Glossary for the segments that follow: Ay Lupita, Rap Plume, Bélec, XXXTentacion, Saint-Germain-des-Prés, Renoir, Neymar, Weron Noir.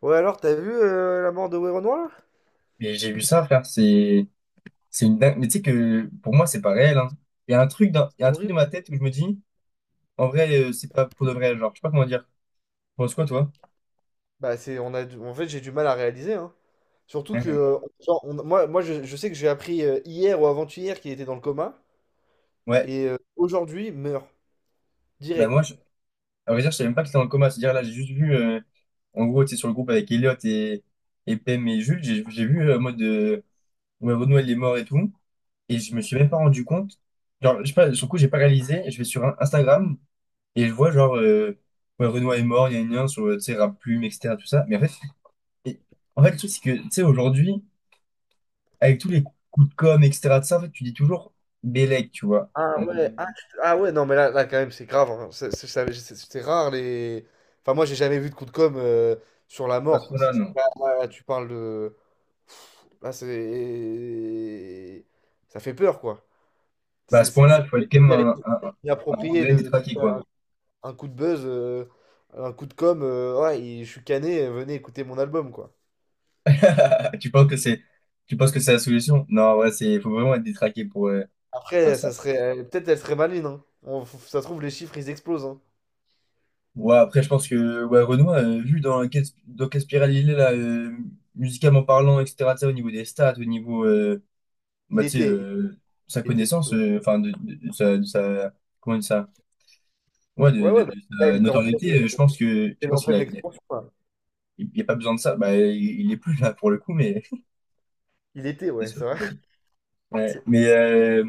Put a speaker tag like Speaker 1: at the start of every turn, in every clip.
Speaker 1: Ouais, alors, t'as vu la mort de Weron Noir?
Speaker 2: Mais j'ai vu ça, frère, c'est une dingue. Mais tu sais que pour moi, c'est pas réel, hein. Il y a un truc dans
Speaker 1: Horrible.
Speaker 2: ma tête où je me dis, en vrai, c'est pas pour de vrai. Genre, je sais pas comment dire. Tu penses quoi, toi?
Speaker 1: Bah, c'est, on a, du- en fait, J'ai du mal à réaliser. Hein. Surtout que,
Speaker 2: Mhm.
Speaker 1: je sais que j'ai appris hier ou avant-hier qu'il était dans le coma.
Speaker 2: Ouais.
Speaker 1: Et aujourd'hui, meurt.
Speaker 2: Bah, moi,
Speaker 1: Direct.
Speaker 2: je... à vrai dire, je savais même pas qu'il était dans le coma. C'est-à-dire, là, j'ai juste vu, en gros, tu sais, sur le groupe avec Elliot et Pem et Jules, j'ai vu, en mode, ouais, Renoir il est mort et tout. Et je me suis même pas rendu compte. Genre, je sais pas, sur le coup, j'ai pas réalisé. Je vais sur Instagram et je vois, genre, ouais, Renoir est mort, il y a une lien sur, tu sais, Rap Plume, etc., tout ça. Et en fait, le truc, c'est que, tu sais, aujourd'hui, avec tous les coups de com', etc., de ça, en fait, tu dis toujours Bélec, tu vois.
Speaker 1: Ah ouais, ah, ah ouais, non, mais là, là quand même, c'est grave. Hein. C'est rare les. Enfin, moi, j'ai jamais vu de coup de com' sur la
Speaker 2: À
Speaker 1: mort,
Speaker 2: ce
Speaker 1: quoi.
Speaker 2: point-là, non.
Speaker 1: Là, là, là, tu parles de. Là, c'est. Ça fait peur, quoi.
Speaker 2: Bah, à ce point-là,
Speaker 1: C'est
Speaker 2: il faut être quand même un
Speaker 1: inapproprié
Speaker 2: vrai
Speaker 1: de
Speaker 2: détraqué, quoi.
Speaker 1: faire. Un coup de buzz, un coup de com, ouais, il- je suis cané, venez écouter mon album, quoi.
Speaker 2: Tu penses que c'est, Tu penses que c'est la solution? Non, ouais, c'est, faut vraiment être détraqué pour faire
Speaker 1: Après, ça
Speaker 2: ça.
Speaker 1: serait, peut-être elle serait maligne, hein. Ça se trouve, les chiffres, ils explosent, hein.
Speaker 2: Ouais, après, je pense que, ouais, Renoir, vu dans quelle spirale il est, là, musicalement parlant, etc., tu sais, au niveau des stats, au niveau,
Speaker 1: Il
Speaker 2: bah, tu sais,
Speaker 1: était, il
Speaker 2: sa
Speaker 1: était
Speaker 2: connaissance,
Speaker 1: plutôt.
Speaker 2: enfin, comment on dit ça? Ouais,
Speaker 1: Ouais, ouais, bah,
Speaker 2: de
Speaker 1: le gars,
Speaker 2: sa
Speaker 1: il était en
Speaker 2: notoriété,
Speaker 1: pleine, il
Speaker 2: je
Speaker 1: était en
Speaker 2: pense qu'il a,
Speaker 1: pleine expansion, quoi.
Speaker 2: il y a pas besoin de ça. Bah, il est plus là pour le coup, mais
Speaker 1: Il était,
Speaker 2: c'est
Speaker 1: ouais,
Speaker 2: sûr
Speaker 1: c'est vrai.
Speaker 2: que- ouais,
Speaker 1: C'est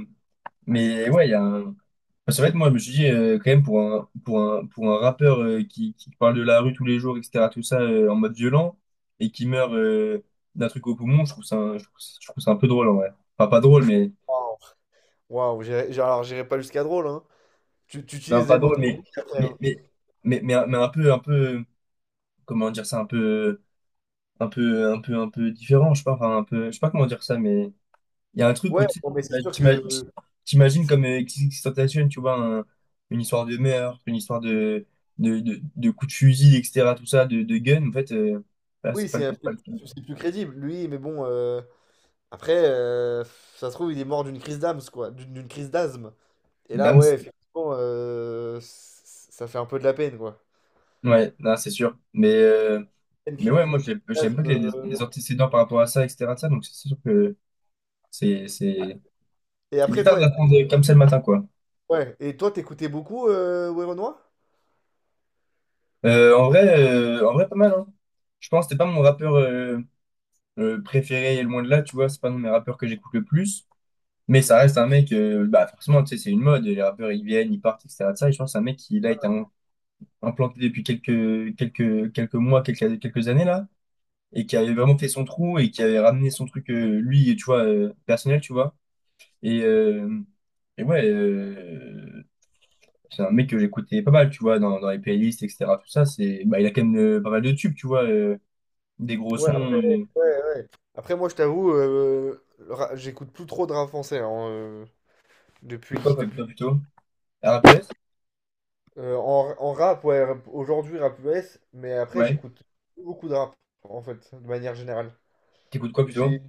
Speaker 1: c'est
Speaker 2: mais
Speaker 1: très...
Speaker 2: ouais, il y a un. Enfin, c'est vrai que moi, je me suis dit quand même pour un rappeur qui parle de la rue tous les jours, etc. Tout ça en mode violent et qui meurt d'un truc au poumon, je trouve ça un peu drôle en vrai. Enfin, pas drôle, mais
Speaker 1: Waouh, Waouh, alors j'irai pas jusqu'à drôle, hein. Tu
Speaker 2: non,
Speaker 1: utilises
Speaker 2: pas
Speaker 1: les mots que
Speaker 2: drôle,
Speaker 1: t'as dit après,
Speaker 2: mais
Speaker 1: hein.
Speaker 2: mais mais un peu, comment dire ça, un peu différent, je sais pas, enfin, un peu, je sais pas comment dire ça, mais il y a un truc où
Speaker 1: Ouais,
Speaker 2: tu sais,
Speaker 1: bon, mais c'est sûr que...
Speaker 2: t'imagines
Speaker 1: c'est-
Speaker 2: comme XXXTentacion, tu vois, une histoire de meurtre, une histoire de coups de fusil, etc., tout ça, de gun, en fait, là,
Speaker 1: Oui, c'est un
Speaker 2: c'est pas
Speaker 1: peu-
Speaker 2: le cas.
Speaker 1: c'est plus crédible, lui, mais bon... Après, ça se trouve, il est mort d'une crise d'âme, quoi. D'une crise d'asthme. Et là, ouais,
Speaker 2: Dams,
Speaker 1: effectivement, ça fait un peu de la peine, quoi.
Speaker 2: ouais, non, c'est sûr, mais ouais, moi,
Speaker 1: Une crise
Speaker 2: j'aime pas
Speaker 1: d'asthme.
Speaker 2: que les antécédents par rapport à ça, etc., de ça, donc c'est sûr que c'est, c'est,
Speaker 1: Et
Speaker 2: c'est
Speaker 1: après,
Speaker 2: bizarre
Speaker 1: toi,
Speaker 2: de l'apprendre comme ça le matin, quoi.
Speaker 1: ouais. Et toi, t'écoutais beaucoup, Werenoi?
Speaker 2: En vrai, pas mal, hein. Je pense que c'était pas mon rappeur préféré et loin de là, tu vois, c'est pas un de mes rappeurs que j'écoute le plus, mais ça reste un mec, bah forcément, tu sais, c'est une mode, les rappeurs ils viennent, ils partent, etc. de ça, et je pense que c'est un mec qui là, implanté depuis quelques mois, quelques années là, et qui avait vraiment fait son trou et qui avait ramené son truc, lui, tu vois, personnel, tu vois, et, euh, et ouais, c'est un mec que j'écoutais pas mal, tu vois, dans les playlists, etc. Tout ça, c'est, bah, il a quand même pas mal de tubes, tu vois, des gros
Speaker 1: Ouais,
Speaker 2: sons,
Speaker 1: après,
Speaker 2: euh,
Speaker 1: ouais, ouais. Après, moi, je t'avoue, j'écoute plus trop de rap français, hein,
Speaker 2: de quoi,
Speaker 1: depuis.
Speaker 2: pas plutôt? rap US?
Speaker 1: En rap, aujourd'hui, rap US, mais après,
Speaker 2: Ouais.
Speaker 1: j'écoute plus beaucoup de rap, en fait, de manière générale.
Speaker 2: T'écoutes quoi plutôt?
Speaker 1: J'ai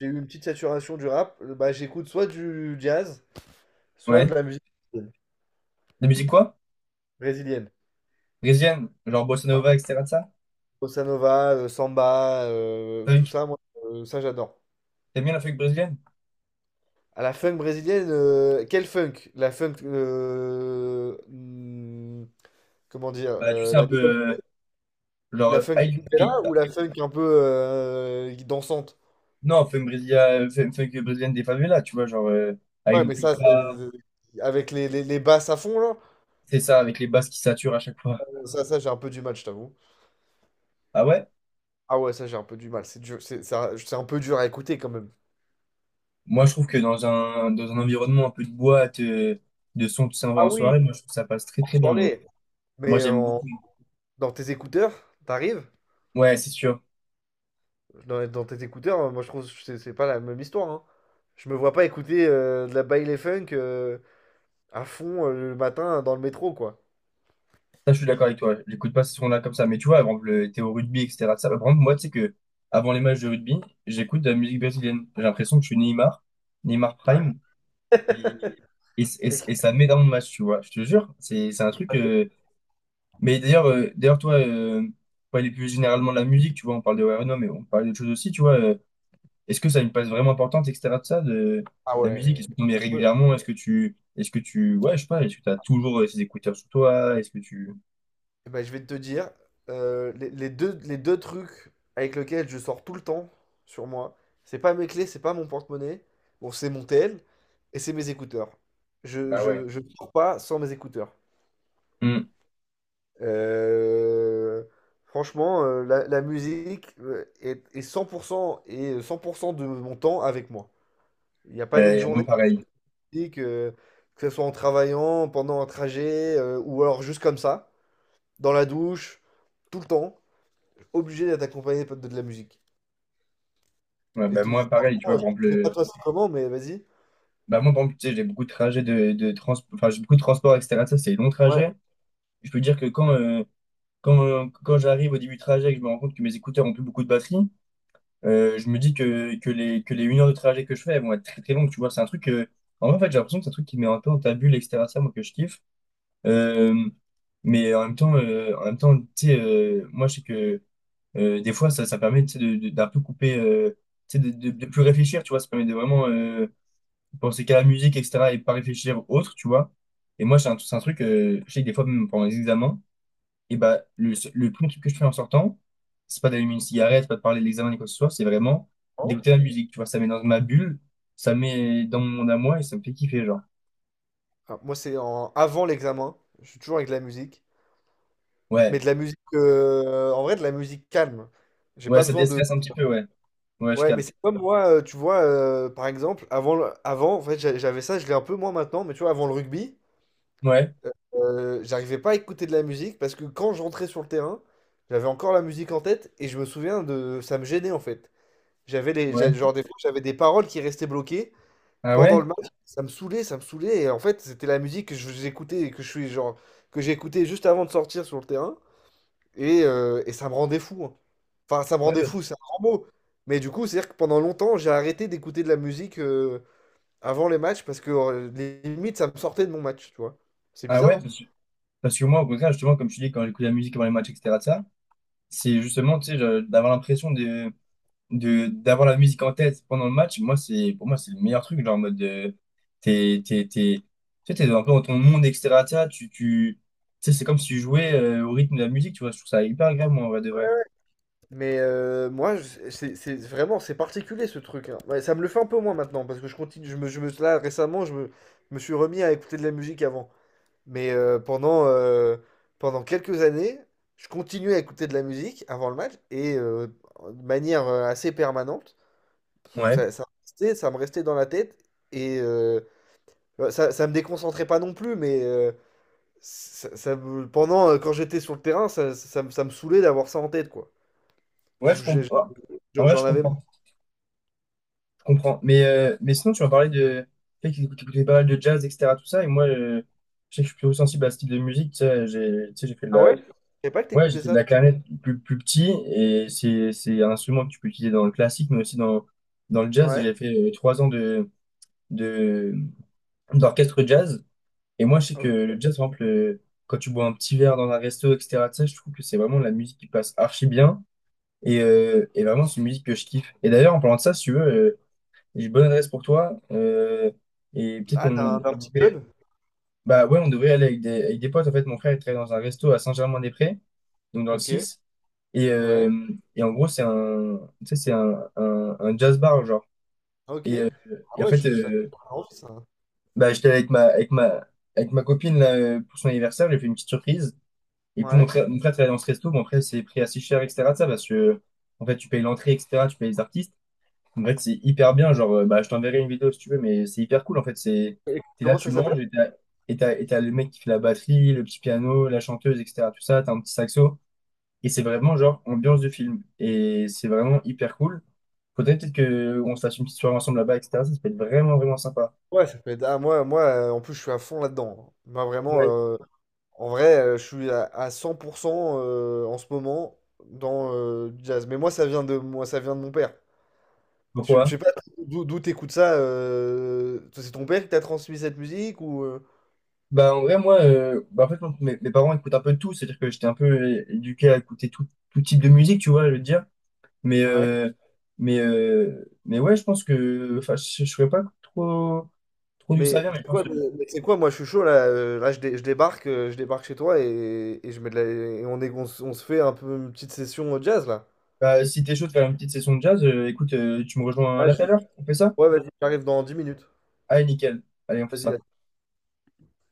Speaker 1: j'ai eu une petite saturation du rap, bah, j'écoute soit du jazz,
Speaker 2: Ouais.
Speaker 1: soit de
Speaker 2: De
Speaker 1: la musique
Speaker 2: la musique quoi?
Speaker 1: brésilienne.
Speaker 2: Brésilienne, genre bossa
Speaker 1: Enfin,
Speaker 2: nova, etc. de ça?
Speaker 1: bossa nova, samba, tout
Speaker 2: Funk.
Speaker 1: ça, moi, ça j'adore.
Speaker 2: T'aimes bien la funk brésilienne?
Speaker 1: À la funk brésilienne, quel funk? La funk,
Speaker 2: Bah tu sais un
Speaker 1: la, nouvelle-
Speaker 2: peu euh, genre
Speaker 1: la funk
Speaker 2: Ay
Speaker 1: là ou
Speaker 2: Lupita.
Speaker 1: la funk un peu dansante?
Speaker 2: Non, funk brésilienne, funk brésilienne des favelas, tu vois, genre Ay
Speaker 1: Ouais, mais ça,
Speaker 2: Lupita,
Speaker 1: c'est- avec les basses à fond, là,
Speaker 2: c'est ça, avec les basses qui saturent à chaque fois.
Speaker 1: ça j'ai un peu du mal, je t'avoue.
Speaker 2: Ah ouais?
Speaker 1: Ah ouais, ça j'ai un peu du mal, c'est dur, c'est un peu dur à écouter quand même.
Speaker 2: Moi je trouve que dans un environnement un peu de boîte, de son qui s'en va
Speaker 1: Ah
Speaker 2: en soirée,
Speaker 1: oui,
Speaker 2: moi je trouve que ça passe très
Speaker 1: en
Speaker 2: très bien, ouais.
Speaker 1: soirée,
Speaker 2: Moi
Speaker 1: mais
Speaker 2: j'aime
Speaker 1: en-
Speaker 2: beaucoup.
Speaker 1: dans tes écouteurs, t'arrives,
Speaker 2: Ouais, c'est sûr.
Speaker 1: dans tes écouteurs, moi je trouve que c'est pas la même histoire. Hein. Je me vois pas écouter de la baile funk à fond le matin dans le métro, quoi.
Speaker 2: Ça, je suis d'accord avec toi. J'écoute pas ces sons-là comme ça. Mais tu vois, t'es au rugby, etc. de ça, bah, par exemple, moi, tu sais que avant les matchs de rugby, j'écoute de la musique brésilienne. J'ai l'impression que je suis Neymar, Neymar
Speaker 1: Ouais.
Speaker 2: Prime, et,
Speaker 1: Et-
Speaker 2: et ça me met dans le match, tu vois. Je te jure, c'est un truc, mais d'ailleurs, toi, pour aller plus généralement de la musique, tu vois, on parle de Renault, mais on parle d'autres choses aussi, tu vois. Est-ce que ça a une place vraiment importante, etc. de ça, de
Speaker 1: Ah
Speaker 2: la musique?
Speaker 1: ouais.
Speaker 2: Est-ce que tu en mets
Speaker 1: Ouais.
Speaker 2: régulièrement? Est-ce que tu, ouais, je sais pas. Est-ce que t'as toujours ces écouteurs sur toi? Est-ce que tu,
Speaker 1: Eh ben, je vais te dire, les deux trucs avec lesquels je sors tout le temps sur moi, c'est pas mes clés, c'est pas mon porte-monnaie, bon, c'est mon tel, et c'est mes écouteurs.
Speaker 2: bah ouais.
Speaker 1: Je sors pas sans mes écouteurs.
Speaker 2: Mmh.
Speaker 1: Euh, franchement, la musique est 100% et 100% de mon temps avec moi. Il n'y a pas une
Speaker 2: Moi,
Speaker 1: journée
Speaker 2: pareil.
Speaker 1: de musique, que ce soit en travaillant, pendant un trajet, ou alors juste comme ça, dans la douche, tout le temps, obligé d'être accompagné de la musique.
Speaker 2: Ouais,
Speaker 1: Et
Speaker 2: bah,
Speaker 1: tout,
Speaker 2: moi, pareil, tu
Speaker 1: franchement,
Speaker 2: vois, par exemple,
Speaker 1: je sais pas toi c'est comment, mais vas-y.
Speaker 2: moi, par exemple, tu sais, j'ai beaucoup de trajets enfin, j'ai beaucoup de transports, etc. Ça, c'est des longs
Speaker 1: Ouais.
Speaker 2: trajets. Je peux dire que quand j'arrive au début du trajet et que je me rends compte que mes écouteurs ont plus beaucoup de batterie, je me dis que, que les 1 heure de trajet que je fais, elles vont être très, très longues, tu vois. C'est un truc que, en vrai, en fait, j'ai l'impression que c'est un truc qui met un peu en ta bulle, etc. Ça, moi, que je kiffe. Euh, mais en même temps, tu sais, moi, je sais que des fois, ça permet tu sais, d'un peu couper, tu sais, de plus réfléchir, tu vois. Ça permet de vraiment penser qu'à la musique, etc. et pas réfléchir autre, tu vois. Et moi, c'est un truc, je sais que des fois, même pendant les examens, et bah, le premier truc que je fais en sortant, c'est pas d'allumer une cigarette, c'est pas de parler de l'examen ni quoi que ce soit, c'est vraiment d'écouter la musique, tu vois. Ça met dans ma bulle, ça met dans mon monde à moi et ça me fait kiffer, genre.
Speaker 1: Ah, moi, c'est en- avant l'examen. Je suis toujours avec de la musique. Mais
Speaker 2: Ouais,
Speaker 1: de la musique, en vrai, de la musique calme. J'ai
Speaker 2: ouais,
Speaker 1: pas
Speaker 2: ça
Speaker 1: besoin de,
Speaker 2: déstresse un petit peu, ouais. Ouais, je
Speaker 1: ouais, mais
Speaker 2: capte.
Speaker 1: c'est comme moi, tu vois, par exemple, avant, le- avant, en fait, j'avais ça, je l'ai un peu moins maintenant, mais tu vois, avant le rugby,
Speaker 2: Ouais,
Speaker 1: j'arrivais pas à écouter de la musique parce que quand je rentrais sur le terrain, j'avais encore la musique en tête et je me souviens de, ça me gênait en fait.
Speaker 2: ouais.
Speaker 1: Genre des fois, j'avais des paroles qui restaient bloquées
Speaker 2: Ah
Speaker 1: pendant
Speaker 2: ouais?
Speaker 1: le match, ça me saoulait et en fait, c'était la musique que j'écoutais et que je suis genre que j'ai écouté juste avant de sortir sur le terrain. Et ça me rendait fou. Hein. Enfin, ça me
Speaker 2: Ouais,
Speaker 1: rendait
Speaker 2: parce-
Speaker 1: fou, c'est un grand mot. Mais du coup, c'est-à-dire que pendant longtemps, j'ai arrêté d'écouter de la musique avant les matchs parce que limite, ça me sortait de mon match, tu vois. C'est
Speaker 2: Ah
Speaker 1: bizarre,
Speaker 2: ouais,
Speaker 1: hein.
Speaker 2: parce que moi, au contraire, justement, comme tu dis, quand j'écoute la musique avant les matchs, etc., de ça, c'est justement, tu sais, d'avoir l'impression d'avoir la musique en tête pendant le match. Moi, pour moi, c'est le meilleur truc, genre, en mode, de, t'es, tu sais, t'es un peu dans ton monde, etc., de ça, tu sais, c'est comme si tu jouais au rythme de la musique, tu vois, je trouve ça hyper agréable, moi, en vrai de vrai.
Speaker 1: C'est vraiment, c'est particulier ce truc. Hein. Ouais, ça me le fait un peu moins maintenant parce que je continue, là récemment, je me suis remis à écouter de la musique avant. Mais pendant, pendant quelques années, je continuais à écouter de la musique avant le match et de manière assez permanente.
Speaker 2: Ouais.
Speaker 1: Ça me restait, ça me restait dans la tête et ça me déconcentrait pas non plus, mais ça me- pendant, quand j'étais sur le terrain, ça me saoulait d'avoir ça en tête, quoi.
Speaker 2: Ouais,
Speaker 1: Je-
Speaker 2: je
Speaker 1: je-
Speaker 2: comprends. En vrai,
Speaker 1: J'en
Speaker 2: je
Speaker 1: avais marre.
Speaker 2: comprends. Je comprends. Mais sinon, tu m'as parlé de, tu sais, que t'écoutais pas mal de jazz, etc., tout ça, et moi, je sais que je suis plutôt sensible à ce type de musique, tu sais, j'ai fait de
Speaker 1: Ah
Speaker 2: la,
Speaker 1: ouais? Je savais pas que
Speaker 2: ouais, j'ai
Speaker 1: t'écoutais
Speaker 2: fait de
Speaker 1: ça,
Speaker 2: la
Speaker 1: toi.
Speaker 2: clarinette plus, plus petit et c'est un instrument que tu peux utiliser dans le classique, mais aussi dans le jazz. Et
Speaker 1: Ouais.
Speaker 2: j'ai fait 3 ans de, d'orchestre jazz. Et moi, je sais que
Speaker 1: Ok.
Speaker 2: le jazz, par exemple, quand tu bois un petit verre dans un resto, etc., tu sais, je trouve que c'est vraiment la musique qui passe archi bien. Et vraiment, c'est une musique que je kiffe. Et d'ailleurs, en parlant de ça, si tu veux, j'ai une bonne adresse pour toi, et peut-être
Speaker 1: Ah,
Speaker 2: qu'on
Speaker 1: d'un petit club?
Speaker 2: bah ouais, on devrait aller avec des potes. En fait, mon frère, il travaille dans un resto à Saint-Germain-des-Prés, donc dans le
Speaker 1: Ok,
Speaker 2: six. Et,
Speaker 1: ouais,
Speaker 2: euh, et en gros, c'est un, tu sais, c'est un, un jazz bar, genre.
Speaker 1: ok. Ah
Speaker 2: Et en
Speaker 1: ouais, je,
Speaker 2: fait,
Speaker 1: ça fait envie, ça.
Speaker 2: bah, j'étais avec ma copine là, pour son anniversaire, j'ai fait une petite surprise. Et du coup,
Speaker 1: Ouais.
Speaker 2: mon frère travaillait dans ce resto. Bon après, c'est pris assez cher, etc. de ça, parce que, en fait, tu payes l'entrée, etc., tu payes les artistes. En fait, c'est hyper bien, genre, bah, je t'enverrai une vidéo si tu veux, mais c'est hyper cool, en fait. C'est,
Speaker 1: Et
Speaker 2: t'es là,
Speaker 1: comment
Speaker 2: tu
Speaker 1: ça s'appelle?
Speaker 2: manges, et t'as le mec qui fait la batterie, le petit piano, la chanteuse, etc., tout ça, t'as un petit saxo. Et c'est vraiment genre ambiance de film. Et c'est vraiment hyper cool. Faudrait peut-être que on se fasse une petite soirée ensemble là-bas, etc. Ça peut être vraiment, vraiment sympa.
Speaker 1: Ouais, ça peut être... Ah, moi, moi, en plus, je suis à fond là-dedans. Moi, vraiment,
Speaker 2: Ouais.
Speaker 1: en vrai, je suis à 100% en ce moment dans du jazz. Mais moi, ça vient de moi, ça vient de mon père. Je
Speaker 2: Pourquoi?
Speaker 1: sais pas d'où t'écoutes ça. C'est ton père qui t'a transmis cette musique ou
Speaker 2: Bah en vrai, moi, mes parents écoutent un peu de tout. C'est-à-dire que j'étais un peu éduqué à écouter tout, tout type de musique, tu vois, je veux dire. Mais,
Speaker 1: ouais.
Speaker 2: mais ouais, je pense que... Enfin, je ne saurais pas trop d'où ça vient, mais je pense que...
Speaker 1: Mais c'est quoi, moi je suis chaud là, je débarque chez toi et je mets de la- et on est, on se fait un peu une petite session jazz là.
Speaker 2: Bah, si t'es chaud de faire une petite session de jazz, écoute, tu me rejoins
Speaker 1: Ah,
Speaker 2: là
Speaker 1: je-
Speaker 2: tout à l'heure. On fait ça?
Speaker 1: ouais, vas-y, j'arrive dans 10 minutes.
Speaker 2: Allez, nickel. Allez, on fait
Speaker 1: Vas-y,
Speaker 2: ça.